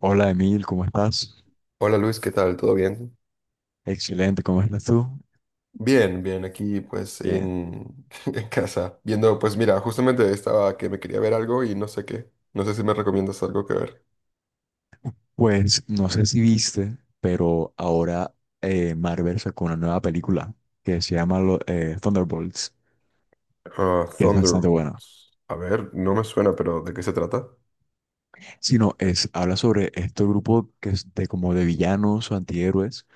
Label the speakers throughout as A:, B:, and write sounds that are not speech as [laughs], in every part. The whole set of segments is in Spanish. A: Hola Emil, ¿cómo estás?
B: Hola Luis, ¿qué tal? ¿Todo bien?
A: Excelente, ¿cómo estás tú?
B: Bien, aquí
A: Bien.
B: [laughs] en casa, viendo, pues mira, justamente estaba que me quería ver algo y no sé qué, no sé si me recomiendas algo que ver.
A: Pues no sé si viste, pero ahora Marvel sacó una nueva película que se llama Thunderbolts,
B: Ah,
A: que es bastante buena.
B: Thunderbolts. A ver, no me suena, pero ¿de qué se trata?
A: Si no, es, habla sobre este grupo que es de como de villanos o antihéroes,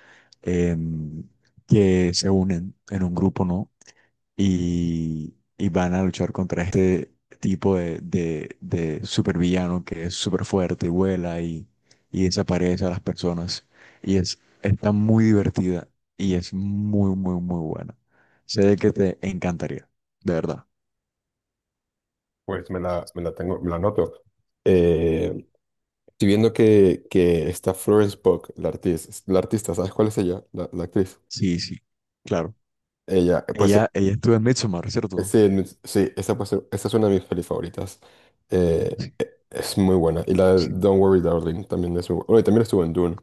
A: em, que se unen en un grupo, ¿no? Y van a luchar contra este tipo de supervillano que es súper fuerte y vuela, y desaparece a las personas. Y es, está muy divertida y es muy, muy, muy buena. Sé de que te encantaría, de verdad.
B: Pues me la noto. Estoy viendo que está Florence Pugh, la artista, ¿sabes cuál es ella? La actriz.
A: Sí, sí, claro.
B: Ella, pues
A: Ella estuvo en Midsommar, ¿cierto?
B: sí, sí, esa, esa es una de mis pelis favoritas.
A: Sí,
B: Es muy buena. Y la de
A: sí,
B: Don't Worry Darling también es muy buena. Oye, también estuvo en Dune.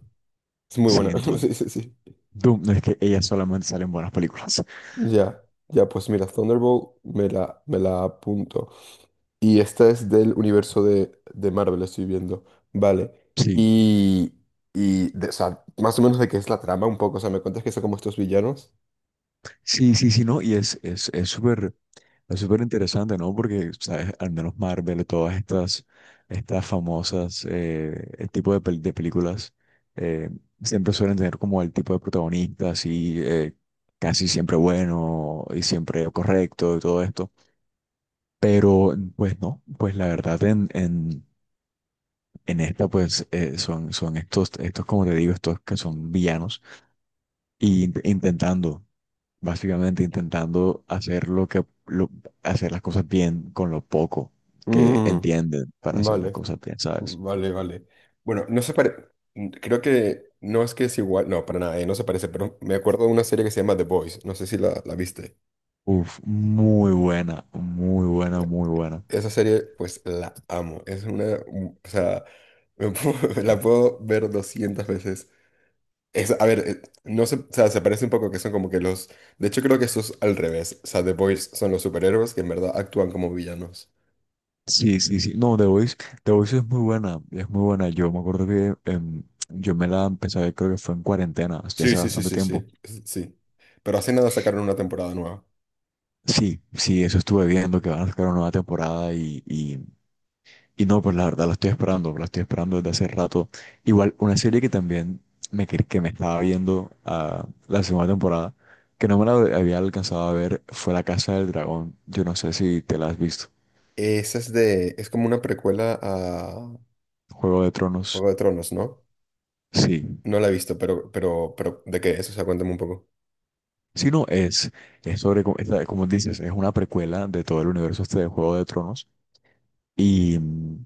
B: Es muy
A: sí,
B: buena.
A: en
B: [laughs]
A: Doom.
B: Sí, sí, sí.
A: Doom, no es que ella solamente sale en buenas películas.
B: Ya, ya, pues mira, Thunderbolt me la apunto. Y esta es del universo de Marvel, estoy viendo. Vale.
A: Sí.
B: Y, o sea, más o menos de qué es la trama un poco. O sea, me cuentas que son como estos villanos.
A: Sí, sí, sí, no, y es súper interesante, ¿no? Porque, ¿sabes? Al menos Marvel, todas estas, estas famosas, el tipo de, de películas, eh, siempre suelen tener como el tipo de protagonista así, casi siempre bueno y siempre correcto y todo esto. Pero, pues no, pues la verdad en esta, pues son, son estos, estos, como te digo, estos que son villanos y intentando, básicamente intentando hacer lo hacer las cosas bien con lo poco que
B: Mm,
A: entienden para hacer las
B: vale.
A: cosas bien, ¿sabes?
B: Vale, vale. Bueno, no se parece. Creo que no es que es igual. No, para nada, no se parece, pero me acuerdo de una serie que se llama The Boys. No sé si la viste.
A: Uf, muy buena, muy buena, muy buena.
B: Esa serie, pues la amo. Es una. O sea, [laughs] la puedo ver 200 veces. Es, a ver, no se, o sea, se parece un poco que son como que los. De hecho, creo que eso es al revés. O sea, The Boys son los superhéroes que en verdad actúan como villanos.
A: Sí, sí, sí. No, The Voice, The Voice es muy buena, es muy buena. Yo me acuerdo que yo me la empecé a ver, creo que fue en cuarentena, o
B: Sí,
A: hace
B: sí, sí,
A: bastante
B: sí,
A: tiempo.
B: sí. Sí. Pero hace nada sacaron una temporada nueva.
A: Sí, sí, eso estuve viendo, que van a sacar una nueva temporada y no, pues la verdad la estoy esperando desde hace rato. Igual, una serie que también me, que me estaba viendo, la segunda temporada, que no me la había alcanzado a ver, fue La Casa del Dragón. Yo no sé si te la has visto.
B: Esa es de. Es como una precuela.
A: Juego de Tronos,
B: Juego de Tronos, ¿no?
A: sí.
B: No la he visto, pero, ¿de qué es? O sea, cuéntame un poco.
A: Si no, es sobre, es como dices, es una precuela de todo el universo este de Juego de Tronos. Y mm,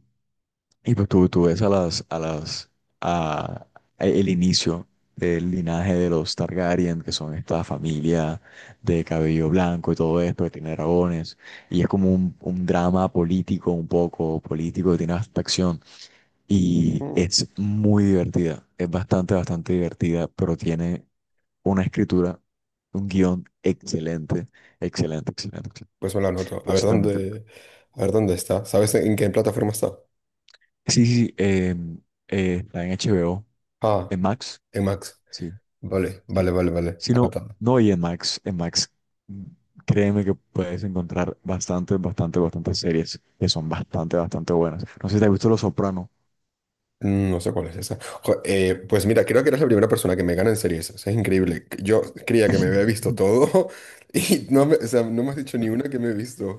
A: Y pues tú ves a las, a las, a, a el inicio del linaje de los Targaryen, que son esta familia de cabello blanco y todo esto, que tiene dragones, y es como un drama político, un poco político, que tiene hasta acción, y
B: Mm.
A: es muy divertida, es bastante, bastante divertida, pero tiene una escritura, un guión excelente, excelente, excelente, excelente.
B: Pues me la anoto.
A: Pero sí, también
B: A ver dónde está. ¿Sabes en qué plataforma está?
A: sí, sí, sí, está en HBO,
B: Ah,
A: en Max.
B: en Max.
A: Sí,
B: Vale,
A: sí.
B: vale, vale, vale.
A: Si no,
B: Anotado.
A: no, y en Max, mm, créeme que puedes encontrar bastante, bastante, bastantes series que son bastante, bastante buenas. No sé si te has visto Los Soprano.
B: Mm, no sé cuál es esa. Jo, pues mira, creo que eres la primera persona que me gana en series. O sea, es increíble. Yo creía que me había visto
A: [laughs]
B: todo [laughs] y no me, o sea, no me has dicho ni una que me he visto.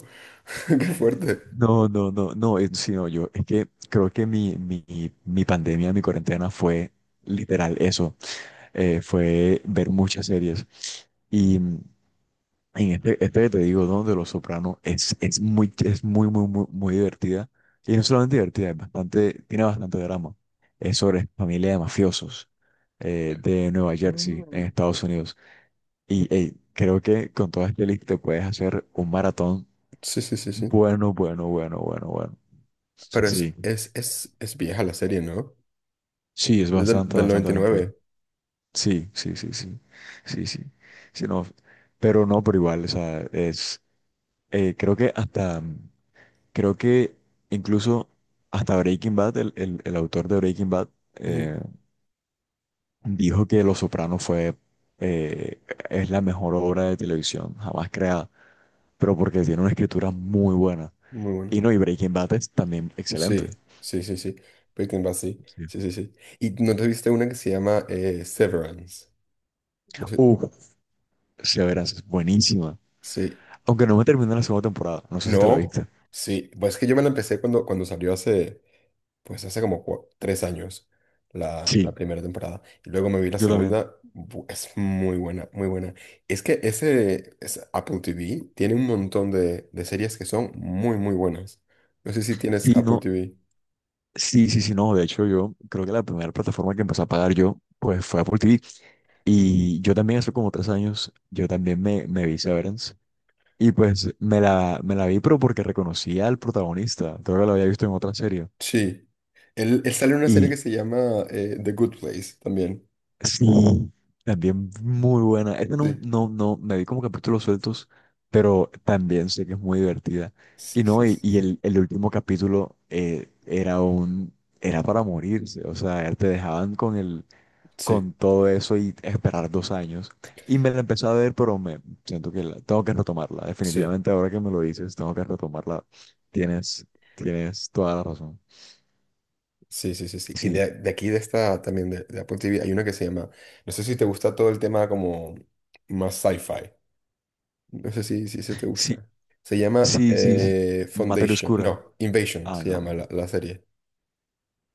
B: [laughs] Qué fuerte.
A: No, no, no, no, sí, no, yo, es que creo que mi pandemia, mi cuarentena fue literal eso, fue ver muchas series. Y En este, este que te digo, donde Los Sopranos es muy, muy, muy, muy divertida. Y no solamente divertida, es bastante, tiene bastante drama. Es sobre familia de mafiosos, de Nueva Jersey, en
B: Mm.
A: Estados Unidos. Y hey, creo que con toda esta lista te puedes hacer un maratón
B: Sí, sí, sí, sí.
A: bueno, bueno, bueno, bueno, bueno.
B: Pero
A: Sí,
B: es vieja la serie, ¿no?
A: sí, es
B: Es
A: bastante,
B: del
A: bastante, bastante bien.
B: 99.
A: Sí, sí, sí, sí, sí, sí. Sí, no, pero no, pero igual, o sea, es, creo que hasta. Creo que incluso hasta Breaking Bad, el, el autor de Breaking Bad, eh,
B: Ujú.
A: dijo que Los Soprano fue, eh, es la mejor obra de televisión jamás creada, pero porque tiene una escritura muy buena.
B: Muy bueno.
A: Y no, y Breaking Bad es también excelente.
B: Sí, sí, sí, sí. Breaking Bad, sí.
A: Sí.
B: Sí, sí, sí. ¿Y no te viste una que se llama Severance? No sé.
A: Uf, Severance es buenísima.
B: Sí.
A: Aunque no me terminé la segunda temporada, no sé si te la
B: No.
A: viste.
B: Sí. Pues es que yo me la empecé cuando, cuando salió hace, pues hace como 3 años, la
A: Sí,
B: primera temporada. Y luego me vi la
A: yo también.
B: segunda. Es muy buena, muy buena. Es que ese Apple TV tiene un montón de series que son muy, muy buenas. No sé si tienes
A: Sí,
B: Apple
A: no,
B: TV.
A: sí, sí, sí, no. De hecho, yo creo que la primera plataforma que empecé a pagar yo, pues fue Apple TV. Y yo también hace como 3 años, yo también me vi Severance. Y pues me la vi, pero porque reconocía al protagonista. Creo que lo había visto en otra serie.
B: Sí. Él sale en una serie
A: Y
B: que se llama The Good Place también.
A: sí, también muy buena. Esta no,
B: Sí.
A: no, no, me vi como capítulos sueltos, pero también sé que es muy divertida. Y
B: Sí,
A: no,
B: sí, sí.
A: y el último capítulo, era un, era para morirse. O sea, te dejaban con el
B: Sí,
A: con todo eso y esperar 2 años. Y me la empecé a ver, pero me siento que tengo que retomarla.
B: sí,
A: Definitivamente ahora que me lo dices, tengo que retomarla. Tienes, tienes toda la razón.
B: sí, sí, sí. Sí. Y
A: Sí,
B: de aquí, de esta también, de Apple TV, hay una que se llama. No sé si te gusta todo el tema como más sci-fi. No sé si se te
A: sí,
B: gusta. Se llama
A: sí, sí, sí. Materia
B: Foundation.
A: Oscura.
B: No, Invasion
A: Ah,
B: se
A: no,
B: llama la serie.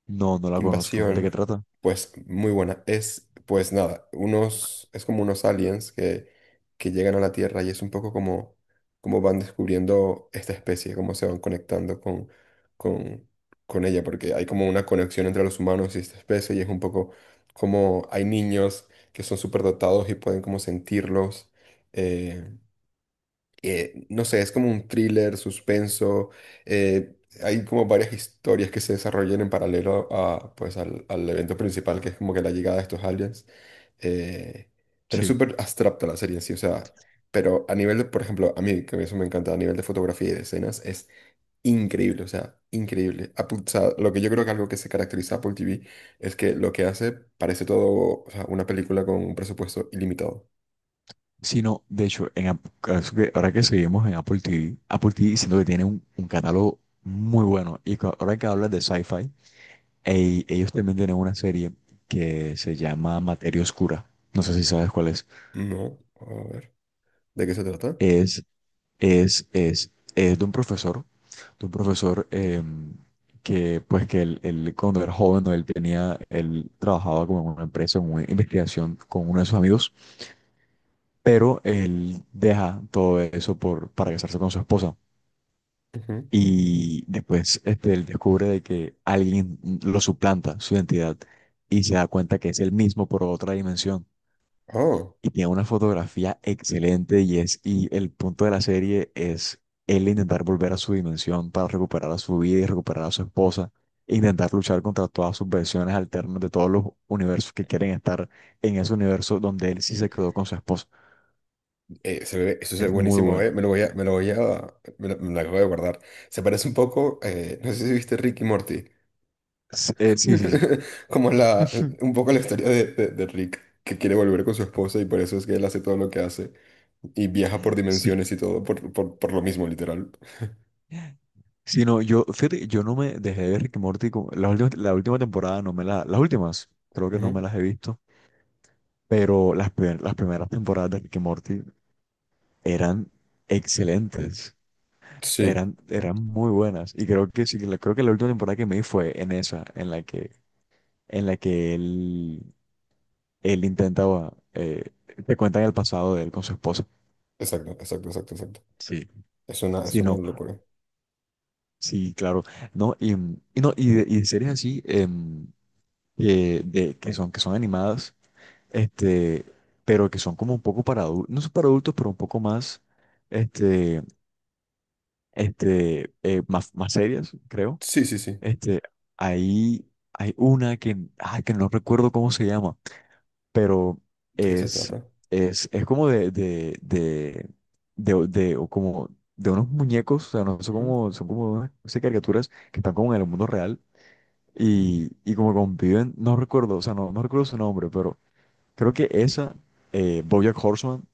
A: no, no la conozco. ¿De qué
B: Invasión,
A: trata?
B: pues muy buena. Es, pues nada, unos, es como unos aliens que llegan a la Tierra y es un poco como, como van descubriendo esta especie, cómo se van conectando con, con ella, porque hay como una conexión entre los humanos y esta especie y es un poco como hay niños que son superdotados y pueden como sentirlos. eh, no sé, es como un thriller, suspenso. eh, Hay como varias historias que se desarrollan en paralelo pues, al evento principal, que es como que la llegada de estos aliens. eh, pero es
A: Sí.
B: súper abstracta la serie en sí, o sea, pero a nivel de, por ejemplo, a mí, que eso me encanta, a nivel de fotografía y de escenas, es increíble, o sea, increíble. O sea, lo que yo creo que algo que se caracteriza a Apple TV es que lo que hace parece todo, o sea, una película con un presupuesto ilimitado.
A: Sí, no, de hecho, es que ahora que seguimos en Apple TV, Apple TV siento que tiene un catálogo muy bueno. Y ahora que hablas de sci-fi, ey, ellos también tienen una serie que se llama Materia Oscura. No sé si sabes cuál es.
B: No, a ver, ¿de qué se trata?
A: Es, es de un profesor, de un profesor, que, pues, que él cuando era joven, ¿no? Él tenía, él trabajaba como en una empresa, en una investigación con uno de sus amigos, pero él deja todo eso por, para casarse con su esposa.
B: Ujú.
A: Y después este, él descubre de que alguien lo suplanta su identidad y se da cuenta que es el mismo por otra dimensión.
B: Oh,
A: Y tiene una fotografía excelente y es y el punto de la serie es él intentar volver a su dimensión para recuperar a su vida y recuperar a su esposa e intentar luchar contra todas sus versiones alternas de todos los universos que quieren estar en ese universo donde él sí se quedó con su esposa.
B: eso se ve
A: Es muy
B: buenísimo, eh.
A: buena.
B: Me lo voy a, me lo voy a, me lo acabo de guardar. Se parece un poco, no sé si viste Rick y Morty,
A: Sí, sí, sí.
B: [laughs] como la,
A: [laughs]
B: un poco la historia de Rick, que quiere volver con su esposa y por eso es que él hace todo lo que hace y viaja por
A: Sí.
B: dimensiones y todo por lo mismo, literal.
A: Sí, no, yo, fíjate, yo no me dejé de ver Rick y Morty, la última temporada no me la, las últimas, creo que no
B: Ujú.
A: me las he visto, pero las, las primeras temporadas de Rick y Morty eran excelentes,
B: Sí,
A: eran, eran muy buenas. Y creo que sí, creo que la última temporada que me vi fue en esa, en la que él intentaba, te cuentan el pasado de él con su esposa.
B: exacto, exacto, exacto, exacto.
A: Sí,
B: Es
A: sí,
B: una
A: no,
B: locura.
A: sí, claro. No, y, y no, y de series así, que, de, que son animadas, este, pero que son como un poco para adultos, no son para adultos, pero un poco más, este, más, más serias, creo.
B: Sí, sí, sí.
A: Este, ahí hay una que, ah, que no recuerdo cómo se llama, pero
B: ¿De qué se
A: es,
B: trata?
A: es como de, o como de unos muñecos, o sea, no son
B: Ujú.
A: como, son como unas no sé, caricaturas que están como en el mundo real y como conviven, no recuerdo, o sea, no, no recuerdo su nombre, pero creo que esa, BoJack Horseman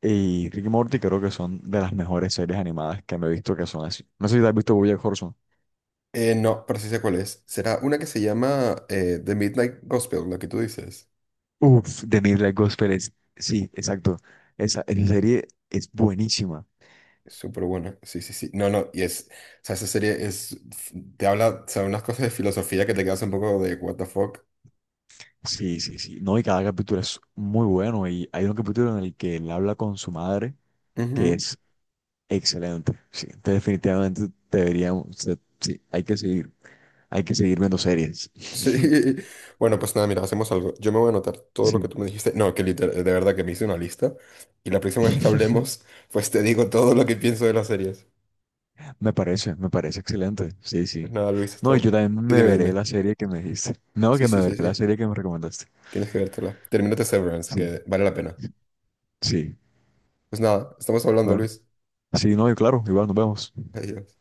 A: y Rick y Morty creo que son de las mejores series animadas que me he visto que son así. No sé si te has visto BoJack Horseman.
B: No, pero sí sé cuál es. Será una que se llama The Midnight Gospel, la que tú dices.
A: Uf, de Midnight Gospel es, sí, exacto. Esa serie es buenísima.
B: Es súper buena, sí, sí, sí. No, no, y es, o sea, esa serie es, te habla, o sea, unas cosas de filosofía que te quedas un poco de what the fuck.
A: Sí, sí, sí. No, y cada capítulo es muy bueno. Y hay un capítulo en el que él habla con su madre, que
B: Ujú.
A: es excelente. Sí, entonces definitivamente deberíamos, o sea, sí, hay que seguir viendo series.
B: Sí.
A: [laughs]
B: [laughs] Bueno, pues nada, mira, hacemos algo. Yo me voy a anotar todo lo que
A: Sí.
B: tú me dijiste. No, que literal, de verdad que me hice una lista. Y la próxima vez que hablemos,
A: [laughs]
B: pues te digo todo lo que pienso de las series.
A: Me parece excelente. Sí,
B: Pues
A: sí.
B: nada, Luis,
A: No, y
B: estamos.
A: yo también
B: Sí,
A: me
B: dime,
A: veré
B: dime.
A: la serie que me dijiste. No,
B: Sí,
A: que me
B: sí,
A: veré
B: sí,
A: la
B: sí.
A: serie que me recomendaste.
B: Tienes que vértela. Termínate Severance,
A: Sí,
B: que vale la pena.
A: sí.
B: Pues nada, estamos hablando,
A: Bueno,
B: Luis.
A: sí, no, y claro, igual nos vemos.
B: Adiós.